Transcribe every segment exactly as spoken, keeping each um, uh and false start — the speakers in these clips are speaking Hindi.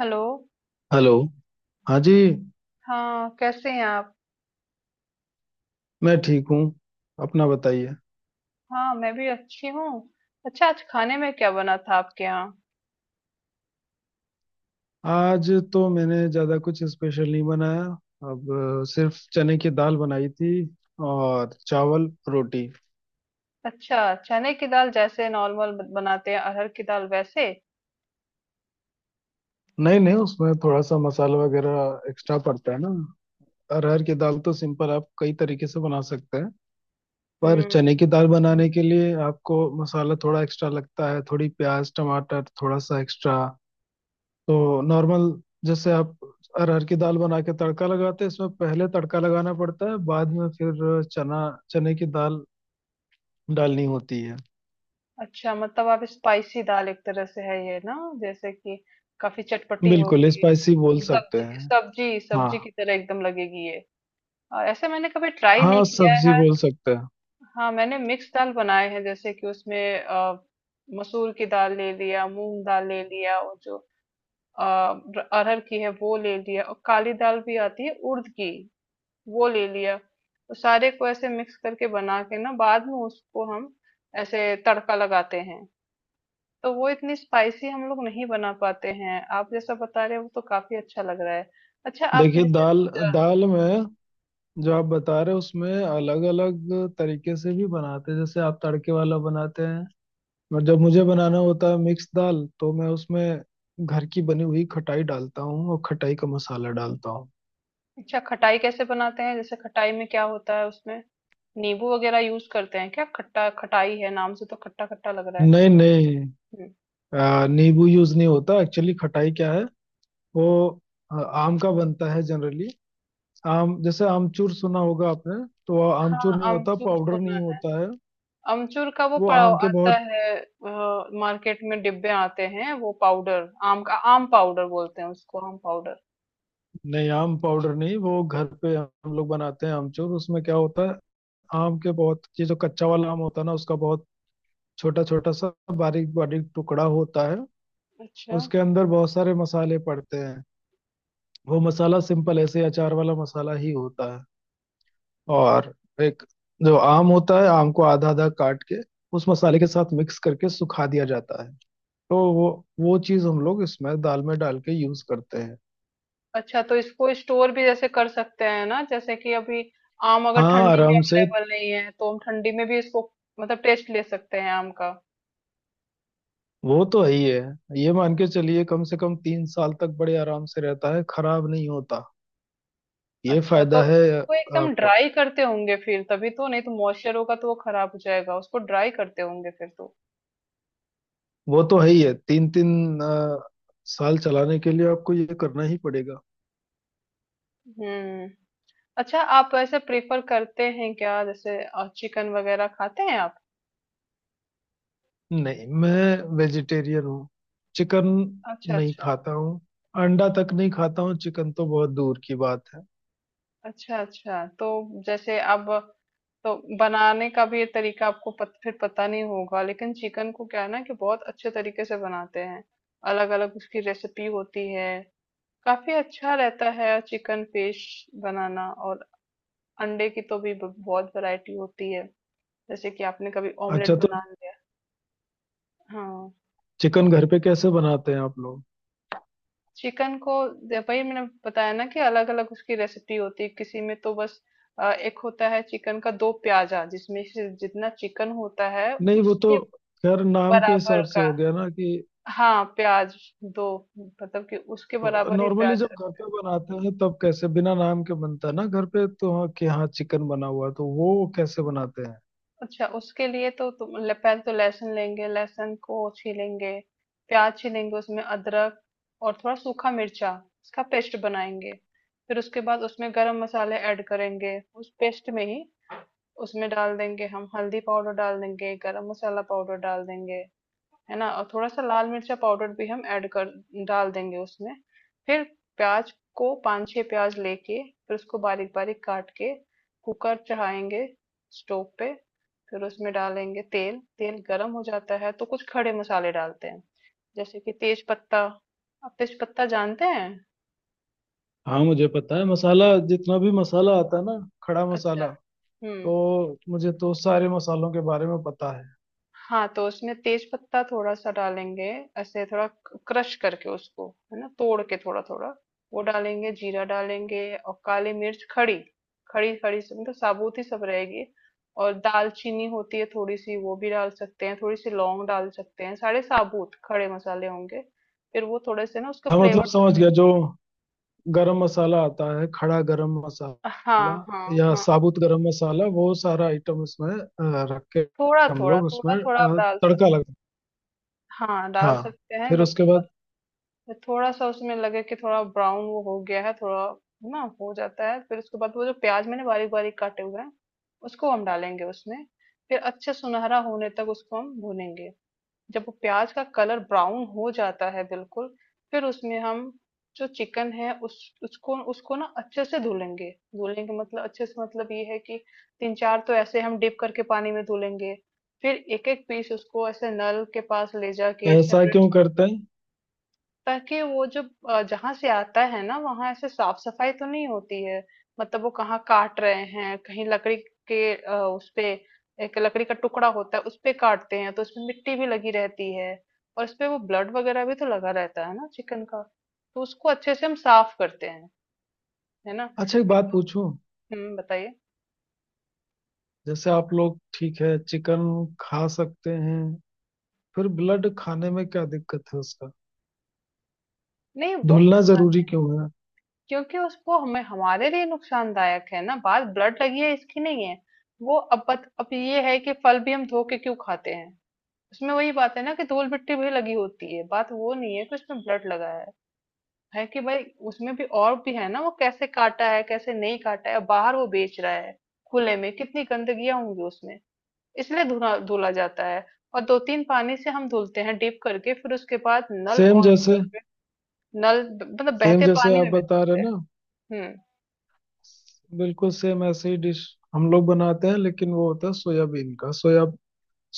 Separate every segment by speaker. Speaker 1: हेलो।
Speaker 2: हेलो। हाँ जी।
Speaker 1: हाँ, कैसे हैं आप?
Speaker 2: मैं ठीक हूँ। अपना बताइए।
Speaker 1: हाँ, मैं भी अच्छी हूँ। अच्छा, आज खाने में क्या बना था आपके यहाँ?
Speaker 2: आज तो मैंने ज़्यादा कुछ स्पेशल नहीं बनाया। अब अ, सिर्फ चने की दाल बनाई थी। और चावल रोटी।
Speaker 1: अच्छा, चने की दाल जैसे नॉर्मल बनाते हैं अरहर की दाल वैसे?
Speaker 2: नहीं, नहीं, उसमें थोड़ा सा मसाला वगैरह एक्स्ट्रा पड़ता है ना। अरहर की दाल तो सिंपल आप कई तरीके से बना सकते हैं। पर
Speaker 1: हम्म।
Speaker 2: चने की दाल बनाने के लिए आपको मसाला थोड़ा एक्स्ट्रा लगता है, थोड़ी प्याज टमाटर थोड़ा सा एक्स्ट्रा। तो नॉर्मल जैसे आप अरहर की दाल बना के तड़का लगाते हैं, इसमें पहले तड़का लगाना पड़ता है, बाद में फिर चना चने की दाल डालनी होती है।
Speaker 1: अच्छा, मतलब आप स्पाइसी दाल एक तरह से है ये ना, जैसे कि काफी चटपटी
Speaker 2: बिल्कुल
Speaker 1: होगी।
Speaker 2: स्पाइसी बोल हम्म, सकते
Speaker 1: सब्जी
Speaker 2: हैं।
Speaker 1: सब्जी सब्जी
Speaker 2: हाँ।
Speaker 1: की तरह एकदम लगेगी ये। और ऐसे मैंने कभी ट्राई नहीं
Speaker 2: हाँ,
Speaker 1: किया
Speaker 2: सब्जी
Speaker 1: है।
Speaker 2: बोल सकते हैं।
Speaker 1: हाँ, मैंने मिक्स दाल बनाए हैं, जैसे कि उसमें अ, मसूर की दाल ले लिया, मूंग दाल ले लिया, और जो अ, र- अरहर की है वो ले लिया, और काली दाल भी आती है उड़द की, वो ले लिया। तो सारे को ऐसे मिक्स करके बना के ना बाद में उसको हम ऐसे तड़का लगाते हैं। तो वो इतनी स्पाइसी हम लोग नहीं बना पाते हैं। आप जैसा बता रहे हो वो तो काफी अच्छा लग रहा है। अच्छा आप
Speaker 2: देखिए
Speaker 1: जैसे,
Speaker 2: दाल दाल में जो आप बता रहे हो उसमें अलग अलग तरीके से भी बनाते हैं। जैसे आप तड़के वाला बनाते हैं। और जब मुझे बनाना होता है मिक्स दाल, तो मैं उसमें घर की बनी हुई खटाई डालता हूँ और खटाई का मसाला डालता हूँ।
Speaker 1: अच्छा खटाई कैसे बनाते हैं? जैसे खटाई में क्या होता है उसमें? नींबू वगैरह यूज करते हैं क्या? खट्टा खटाई है, नाम से तो खट्टा खट्टा लग रहा है।
Speaker 2: नहीं, नहीं,
Speaker 1: हम्म।
Speaker 2: आ, नींबू यूज नहीं होता एक्चुअली। खटाई क्या है। वो आ, आम का बनता है जनरली। आम जैसे आमचूर सुना होगा आपने। तो वो आमचूर
Speaker 1: हाँ,
Speaker 2: नहीं होता,
Speaker 1: अमचूर
Speaker 2: पाउडर
Speaker 1: सुना
Speaker 2: नहीं
Speaker 1: है।
Speaker 2: होता है।
Speaker 1: अमचूर का वो
Speaker 2: वो
Speaker 1: पाव
Speaker 2: आम के
Speaker 1: आता
Speaker 2: बहुत।
Speaker 1: है, अ, मार्केट में डिब्बे आते हैं, वो पाउडर आम का, आम पाउडर बोलते हैं उसको, आम पाउडर।
Speaker 2: नहीं, आम पाउडर नहीं, वो घर पे हम लोग बनाते हैं आमचूर। उसमें क्या होता है। आम के बहुत ये जो कच्चा वाला आम होता है ना, उसका बहुत छोटा छोटा सा, बारीक बारीक टुकड़ा होता है।
Speaker 1: अच्छा,
Speaker 2: उसके अंदर बहुत सारे मसाले पड़ते हैं। वो मसाला सिंपल ऐसे अचार वाला मसाला ही होता है। और एक जो आम होता है, आम को आधा आधा काट के उस मसाले के साथ मिक्स करके सुखा दिया जाता है। तो वो वो चीज हम लोग इसमें दाल में डाल के यूज करते हैं।
Speaker 1: अच्छा। तो इसको स्टोर भी जैसे कर सकते हैं ना, जैसे कि अभी आम अगर
Speaker 2: हाँ,
Speaker 1: ठंडी में
Speaker 2: आराम से।
Speaker 1: अवेलेबल नहीं है तो हम ठंडी में भी इसको मतलब टेस्ट ले सकते हैं आम का।
Speaker 2: वो तो है ही है। ये मान के चलिए कम से कम तीन साल तक बड़े आराम से रहता है, खराब नहीं होता। ये
Speaker 1: अच्छा, तो
Speaker 2: फायदा है।
Speaker 1: उसको एकदम
Speaker 2: आपको
Speaker 1: ड्राई करते होंगे फिर, तभी, तो नहीं तो मॉइस्चर होगा तो वो खराब हो जाएगा, उसको ड्राई करते होंगे फिर तो।
Speaker 2: वो तो है ही है, तीन तीन साल चलाने के लिए आपको ये करना ही पड़ेगा।
Speaker 1: हम्म। अच्छा, आप ऐसे प्रेफर करते हैं क्या, जैसे चिकन वगैरह खाते हैं आप?
Speaker 2: नहीं, मैं वेजिटेरियन हूँ। चिकन
Speaker 1: अच्छा,
Speaker 2: नहीं
Speaker 1: अच्छा।
Speaker 2: खाता हूँ। अंडा तक नहीं खाता हूँ, चिकन तो बहुत दूर की बात है।
Speaker 1: अच्छा, अच्छा। तो जैसे अब तो बनाने का भी ये तरीका आपको पत फिर पता नहीं होगा, लेकिन चिकन को क्या है ना कि बहुत अच्छे तरीके से बनाते हैं। अलग-अलग उसकी रेसिपी होती है। काफ़ी अच्छा रहता है चिकन फिश बनाना। और अंडे की तो भी ब बहुत वैरायटी होती है। जैसे कि आपने कभी
Speaker 2: अच्छा
Speaker 1: ऑमलेट
Speaker 2: तो
Speaker 1: बना लिया। हाँ।
Speaker 2: चिकन घर पे कैसे बनाते हैं आप लोग?
Speaker 1: चिकन को दे- वही मैंने बताया ना कि अलग अलग उसकी रेसिपी होती है, किसी में तो बस अ, एक होता है चिकन का दो प्याजा, जिसमें से जितना चिकन होता है
Speaker 2: नहीं, वो तो
Speaker 1: उसके
Speaker 2: खैर नाम के
Speaker 1: बराबर
Speaker 2: हिसाब से
Speaker 1: का।
Speaker 2: हो गया ना कि
Speaker 1: हाँ, प्याज दो, मतलब कि उसके बराबर ही
Speaker 2: नॉर्मली
Speaker 1: प्याज
Speaker 2: जब
Speaker 1: रख-
Speaker 2: घर पे बनाते हैं तब कैसे बिना नाम के बनता है ना घर पे, तो हाँ कि हाँ चिकन बना हुआ है, तो वो कैसे बनाते हैं।
Speaker 1: अच्छा, उसके लिए तो तुम ले- पहले तो लहसुन लेंगे, लहसुन को छीलेंगे, प्याज छीलेंगे, उसमें अदरक और थोड़ा सूखा मिर्चा, इसका पेस्ट बनाएंगे। फिर उसके बाद उसमें गरम मसाले ऐड करेंगे उस पेस्ट में ही, उसमें डाल देंगे। हम हल्दी पाउडर डाल देंगे, गरम मसाला पाउडर डाल देंगे, है ना? और थोड़ा-सा लाल मिर्चा पाउडर भी हम ऐड कर डाल देंगे उसमें। फिर प्याज़ को पाँच छह प्याज़ लेके फिर उसको बारीक-बारीक काट के कुकर चढ़ाएँगे स्टोव पे। फिर उसमें डालेंगे तेल, तेल गरम हो जाता है तो कुछ खड़े मसाले डालते हैं, जैसे कि तेज पत्ता। आप तेज पत्ता जानते हैं?
Speaker 2: हाँ, मुझे पता है, मसाला जितना भी मसाला आता है ना, खड़ा
Speaker 1: अच्छा,
Speaker 2: मसाला।
Speaker 1: हुँ।
Speaker 2: तो मुझे तो सारे मसालों के बारे में पता है।
Speaker 1: हाँ, तो उसमें तेज पत्ता थोड़ा सा डालेंगे, ऐसे थोड़ा क्रश करके उसको, है ना, तोड़ के थोड़ा थोड़ा, वो डालेंगे। जीरा डालेंगे, और काली मिर्च खड़ी, खड़ी खड़ी, सब मतलब साबुत ही सब रहेगी। और दालचीनी होती है थोड़ी सी वो भी डाल सकते हैं, थोड़ी सी लौंग डाल सकते हैं, सारे साबुत खड़े मसाले होंगे। फिर वो थोड़े से ना उसका
Speaker 2: हाँ, मतलब
Speaker 1: फ्लेवर।
Speaker 2: समझ गया, जो गरम मसाला आता है, खड़ा गरम मसाला
Speaker 1: हाँ, हाँ,
Speaker 2: या
Speaker 1: हाँ।
Speaker 2: साबुत गरम मसाला, वो सारा आइटम उसमें अ, रख के
Speaker 1: थोड़ा
Speaker 2: हम
Speaker 1: थोड़ा
Speaker 2: लोग
Speaker 1: थोड़ा
Speaker 2: उसमें
Speaker 1: थोड़ा आप
Speaker 2: अ,
Speaker 1: डाल सकते।
Speaker 2: तड़का लगा।
Speaker 1: हाँ, डाल
Speaker 2: हाँ।
Speaker 1: सकते हैं
Speaker 2: फिर
Speaker 1: जब
Speaker 2: उसके
Speaker 1: थोड़ा।
Speaker 2: बाद।
Speaker 1: फिर थोड़ा सा उसमें लगे कि थोड़ा ब्राउन वो हो गया है थोड़ा, है ना, हो जाता है। फिर उसके बाद वो जो प्याज मैंने बारीक बारीक काटे हुए हैं उसको हम डालेंगे उसमें। फिर अच्छे सुनहरा होने तक उसको हम भूनेंगे। जब वो प्याज का कलर ब्राउन हो जाता है बिल्कुल, फिर उसमें हम जो चिकन है उस उसको उसको ना अच्छे से धुलेंगे। धुलेंगे मतलब अच्छे से, मतलब ये है कि तीन चार तो ऐसे हम डिप करके पानी में धुलेंगे। फिर एक एक पीस उसको ऐसे नल के पास ले जाके
Speaker 2: ऐसा
Speaker 1: सेपरेट,
Speaker 2: क्यों करते हैं?
Speaker 1: ताकि वो जब अ, जहाँ से आता है ना वहां ऐसे साफ सफाई तो नहीं होती है। मतलब वो कहाँ काट रहे हैं, कहीं लकड़ी के अ, उस पे, एक लकड़ी का टुकड़ा होता है उस पे काटते हैं, तो उसमें मिट्टी भी लगी रहती है, और उसपे वो ब्लड वगैरह भी तो लगा रहता है ना चिकन का। तो उसको अच्छे से हम साफ करते हैं, है ना।
Speaker 2: अच्छा, एक
Speaker 1: एक
Speaker 2: बात
Speaker 1: तो,
Speaker 2: पूछूं।
Speaker 1: हम्म, बताइए।
Speaker 2: जैसे आप लोग ठीक है चिकन खा सकते हैं। फिर ब्लड खाने में क्या दिक्कत है उसका।
Speaker 1: नहीं वो
Speaker 2: धुलना
Speaker 1: खा-
Speaker 2: जरूरी क्यों है?
Speaker 1: क्योंकि उसको, हमें हमारे लिए नुकसानदायक है ना, बात ब्लड लगी है इसकी नहीं है वो। अब बत- अब ये है कि फल भी हम धो के क्यों खाते हैं? उसमें वही बात है ना कि धूल मिट्टी भी लगी होती है, बात वो नहीं है कि उसमें ब्लड लगा है है कि भाई उसमें भी और भी है ना, वो कैसे काटा है, कैसे नहीं काटा है, बाहर वो बेच रहा है खुले में, कितनी गंदगियां होंगी उसमें, इसलिए धुला धुला जाता है। और दो तीन पानी से हम धुलते हैं डीप करके, फिर उसके बाद नल
Speaker 2: सेम
Speaker 1: ऑन
Speaker 2: जैसे
Speaker 1: करके नल मतलब
Speaker 2: सेम
Speaker 1: बहते
Speaker 2: जैसे
Speaker 1: पानी
Speaker 2: आप
Speaker 1: में भी
Speaker 2: बता रहे
Speaker 1: धुलते
Speaker 2: ना,
Speaker 1: हैं। हम्म।
Speaker 2: बिल्कुल सेम ऐसे ही डिश हम लोग बनाते हैं, लेकिन वो होता है सोयाबीन का। सोया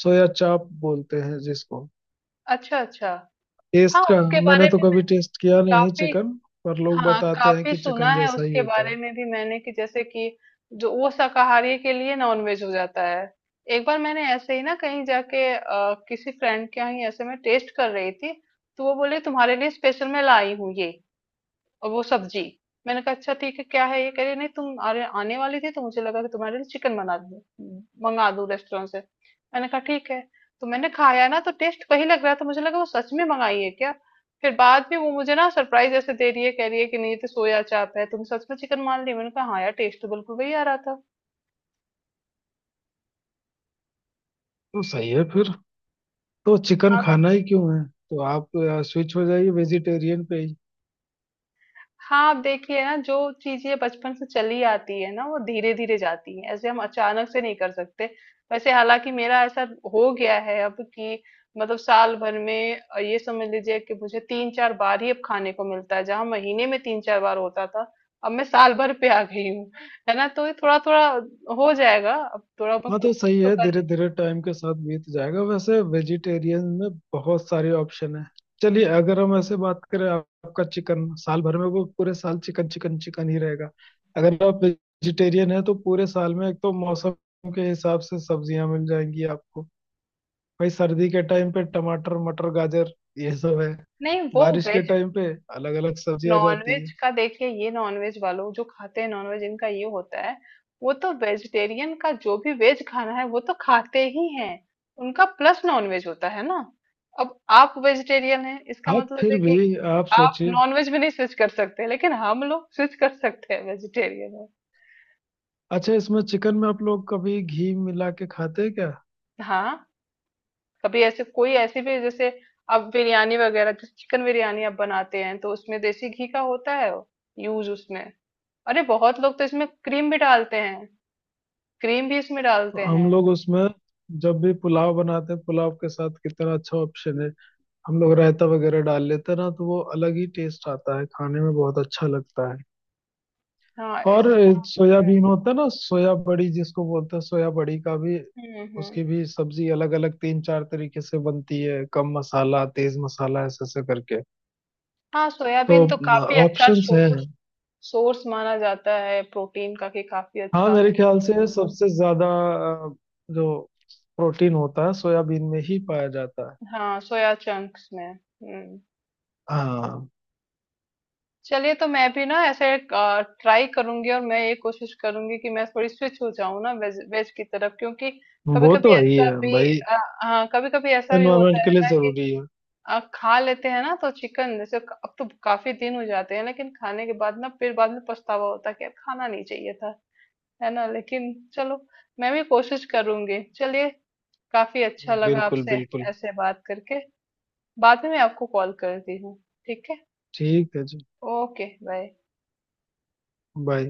Speaker 2: सोया चाप बोलते हैं जिसको।
Speaker 1: अच्छा, अच्छा। हाँ,
Speaker 2: टेस्ट का।
Speaker 1: उसके बारे
Speaker 2: मैंने तो
Speaker 1: में मैं
Speaker 2: कभी टेस्ट किया नहीं है
Speaker 1: काफी,
Speaker 2: चिकन। पर लोग
Speaker 1: हाँ,
Speaker 2: बताते हैं
Speaker 1: काफी
Speaker 2: कि
Speaker 1: सुना
Speaker 2: चिकन
Speaker 1: है
Speaker 2: जैसा ही
Speaker 1: उसके
Speaker 2: होता
Speaker 1: बारे
Speaker 2: है।
Speaker 1: में भी मैंने कि जैसे कि जो वो शाकाहारी के लिए नॉनवेज हो जाता है। एक बार मैंने ऐसे ही ना कहीं जाके अ, किसी फ्रेंड के यहाँ ही ऐसे में टेस्ट कर रही थी, तो वो बोले तुम्हारे लिए स्पेशल मैं लाई हूँ ये, और वो सब्जी। मैंने कहा अच्छा ठीक है क्या है ये, कह रही नहीं तुम, अरे आने वाली थी तो मुझे लगा कि तुम्हारे लिए चिकन बना दूं, मंगा दूं रेस्टोरेंट से। मैंने कहा ठीक है। तो मैंने खाया ना, तो टेस्ट वही लग रहा था, मुझे लगा वो सच में मंगाई है क्या। फिर बाद में वो मुझे ना सरप्राइज ऐसे दे रही है, कह रही है कि नहीं ये तो सोया चाप है, तुम सच में चिकन मान ली। मैंने कहा हाँ यार, टेस्ट तो बिल्कुल वही आ रहा था।
Speaker 2: तो सही है फिर। तो चिकन खाना ही क्यों है। तो आप स्विच हो जाइए वेजिटेरियन पे ही।
Speaker 1: हाँ, आप देखिए ना, जो चीज़ें बचपन से चली आती है ना वो धीरे-धीरे जाती हैं, ऐसे हम अचानक से नहीं कर सकते। वैसे हालाँकि मेरा ऐसा हो गया है अब कि मतलब साल भर में अ, ये समझ लीजिए कि मुझे तीन चार बार ही अब खाने को मिलता है, जहाँ महीने में तीन चार बार होता था, अब मैं साल भर पे आ गई हूँ, है ना? तो ये थोड़ा-थोड़ा हो जाएगा, अब थोड़ा मैं
Speaker 2: हाँ, तो
Speaker 1: कोशिश
Speaker 2: सही
Speaker 1: तो
Speaker 2: है,
Speaker 1: कर रही
Speaker 2: धीरे
Speaker 1: हूँ।
Speaker 2: धीरे टाइम के साथ बीत जाएगा। वैसे वेजिटेरियन में बहुत सारे ऑप्शन है। चलिए अगर हम ऐसे बात करें, आप- आपका चिकन साल भर में वो पूरे साल चिकन चिकन चिकन ही रहेगा। अगर आप वेजिटेरियन है तो पूरे साल में, एक तो मौसम के हिसाब से सब्जियां मिल जाएंगी आपको। भाई सर्दी के टाइम पे टमाटर मटर गाजर ये सब है।
Speaker 1: नहीं, वो
Speaker 2: बारिश
Speaker 1: वे
Speaker 2: के टाइम पे अलग अलग सब्जी आ जाती
Speaker 1: नॉनवेज
Speaker 2: है।
Speaker 1: का देखिए, ये नॉनवेज वालों जो खाते हैं नॉनवेज इनका ये होता है, वो तो वेजिटेरियन का जो भी वेज खाना है वो तो खाते ही हैं, उनका प्लस नॉनवेज होता है ना। अब आप वेजिटेरियन हैं, इसका
Speaker 2: हाँ,
Speaker 1: मतलब
Speaker 2: फिर
Speaker 1: है कि
Speaker 2: भी आप
Speaker 1: आप
Speaker 2: सोचिए।
Speaker 1: नॉनवेज भी नहीं स्विच कर सकते, लेकिन हम लोग स्विच कर सकते हैं वेजिटेरियन में।
Speaker 2: अच्छा, इसमें चिकन में आप लोग कभी घी मिला के खाते हैं क्या?
Speaker 1: हाँ, कभी ऐसे कोई ऐसी भी जैसे आप बिरयानी वगैरह, जैसे चिकन बिरयानी आप बनाते हैं तो उसमें देसी घी का होता है यूज उसमें। अरे बहुत लोग तो इसमें क्रीम भी डालते हैं, क्रीम भी इसमें
Speaker 2: तो
Speaker 1: डालते
Speaker 2: हम
Speaker 1: हैं।
Speaker 2: लोग उसमें जब भी पुलाव बनाते हैं, पुलाव के साथ कितना अच्छा ऑप्शन है, हम लोग रायता वगैरह डाल लेते हैं ना, तो वो अलग ही टेस्ट आता है, खाने में बहुत अच्छा लगता है।
Speaker 1: हाँ,
Speaker 2: और
Speaker 1: इस,
Speaker 2: सोयाबीन होता है ना, सोया बड़ी जिसको बोलते हैं, सोया बड़ी का भी
Speaker 1: हम्म, हम्म,
Speaker 2: उसकी भी सब्जी अलग अलग तीन चार तरीके से बनती है, कम मसाला तेज मसाला ऐसे ऐसे करके।
Speaker 1: हाँ,
Speaker 2: तो
Speaker 1: सोयाबीन तो काफी अच्छा
Speaker 2: ऑप्शंस हैं।
Speaker 1: सोर्स, सोर्स माना जाता है प्रोटीन का कि काफी
Speaker 2: हाँ
Speaker 1: अच्छा
Speaker 2: मेरे
Speaker 1: है।
Speaker 2: ख्याल से सबसे ज्यादा अ, जो प्रोटीन होता है सोयाबीन में ही पाया जाता है।
Speaker 1: हाँ, सोया चंक्स में। हम्म।
Speaker 2: हाँ।
Speaker 1: चलिए, तो मैं भी ना ऐसे ट्राई करूंगी, और मैं ये कोशिश करूंगी कि मैं थोड़ी स्विच हो जाऊं ना वेज वेज की तरफ, क्योंकि कभी
Speaker 2: वो
Speaker 1: कभी
Speaker 2: तो है ही
Speaker 1: ऐसा
Speaker 2: है
Speaker 1: भी,
Speaker 2: भाई।
Speaker 1: अ, हाँ, कभी कभी ऐसा भी होता
Speaker 2: एनवायरमेंट के
Speaker 1: है
Speaker 2: लिए
Speaker 1: ना कि
Speaker 2: जरूरी है।
Speaker 1: अ, खा लेते हैं ना तो चिकन, जैसे क- अब तो काफी दिन हो जाते हैं, लेकिन खाने के बाद ना फिर बाद में पछतावा होता है कि यार खाना नहीं चाहिए था, है ना। लेकिन चलो, मैं भी कोशिश करूंगी। चलिए, काफी अच्छा लगा
Speaker 2: बिल्कुल,
Speaker 1: आपसे
Speaker 2: बिल्कुल।
Speaker 1: ऐसे बात करके। बाद में मैं आपको कॉल करती हूँ। ठीक है।
Speaker 2: ठीक है जी।
Speaker 1: Okay, bye.
Speaker 2: बाय।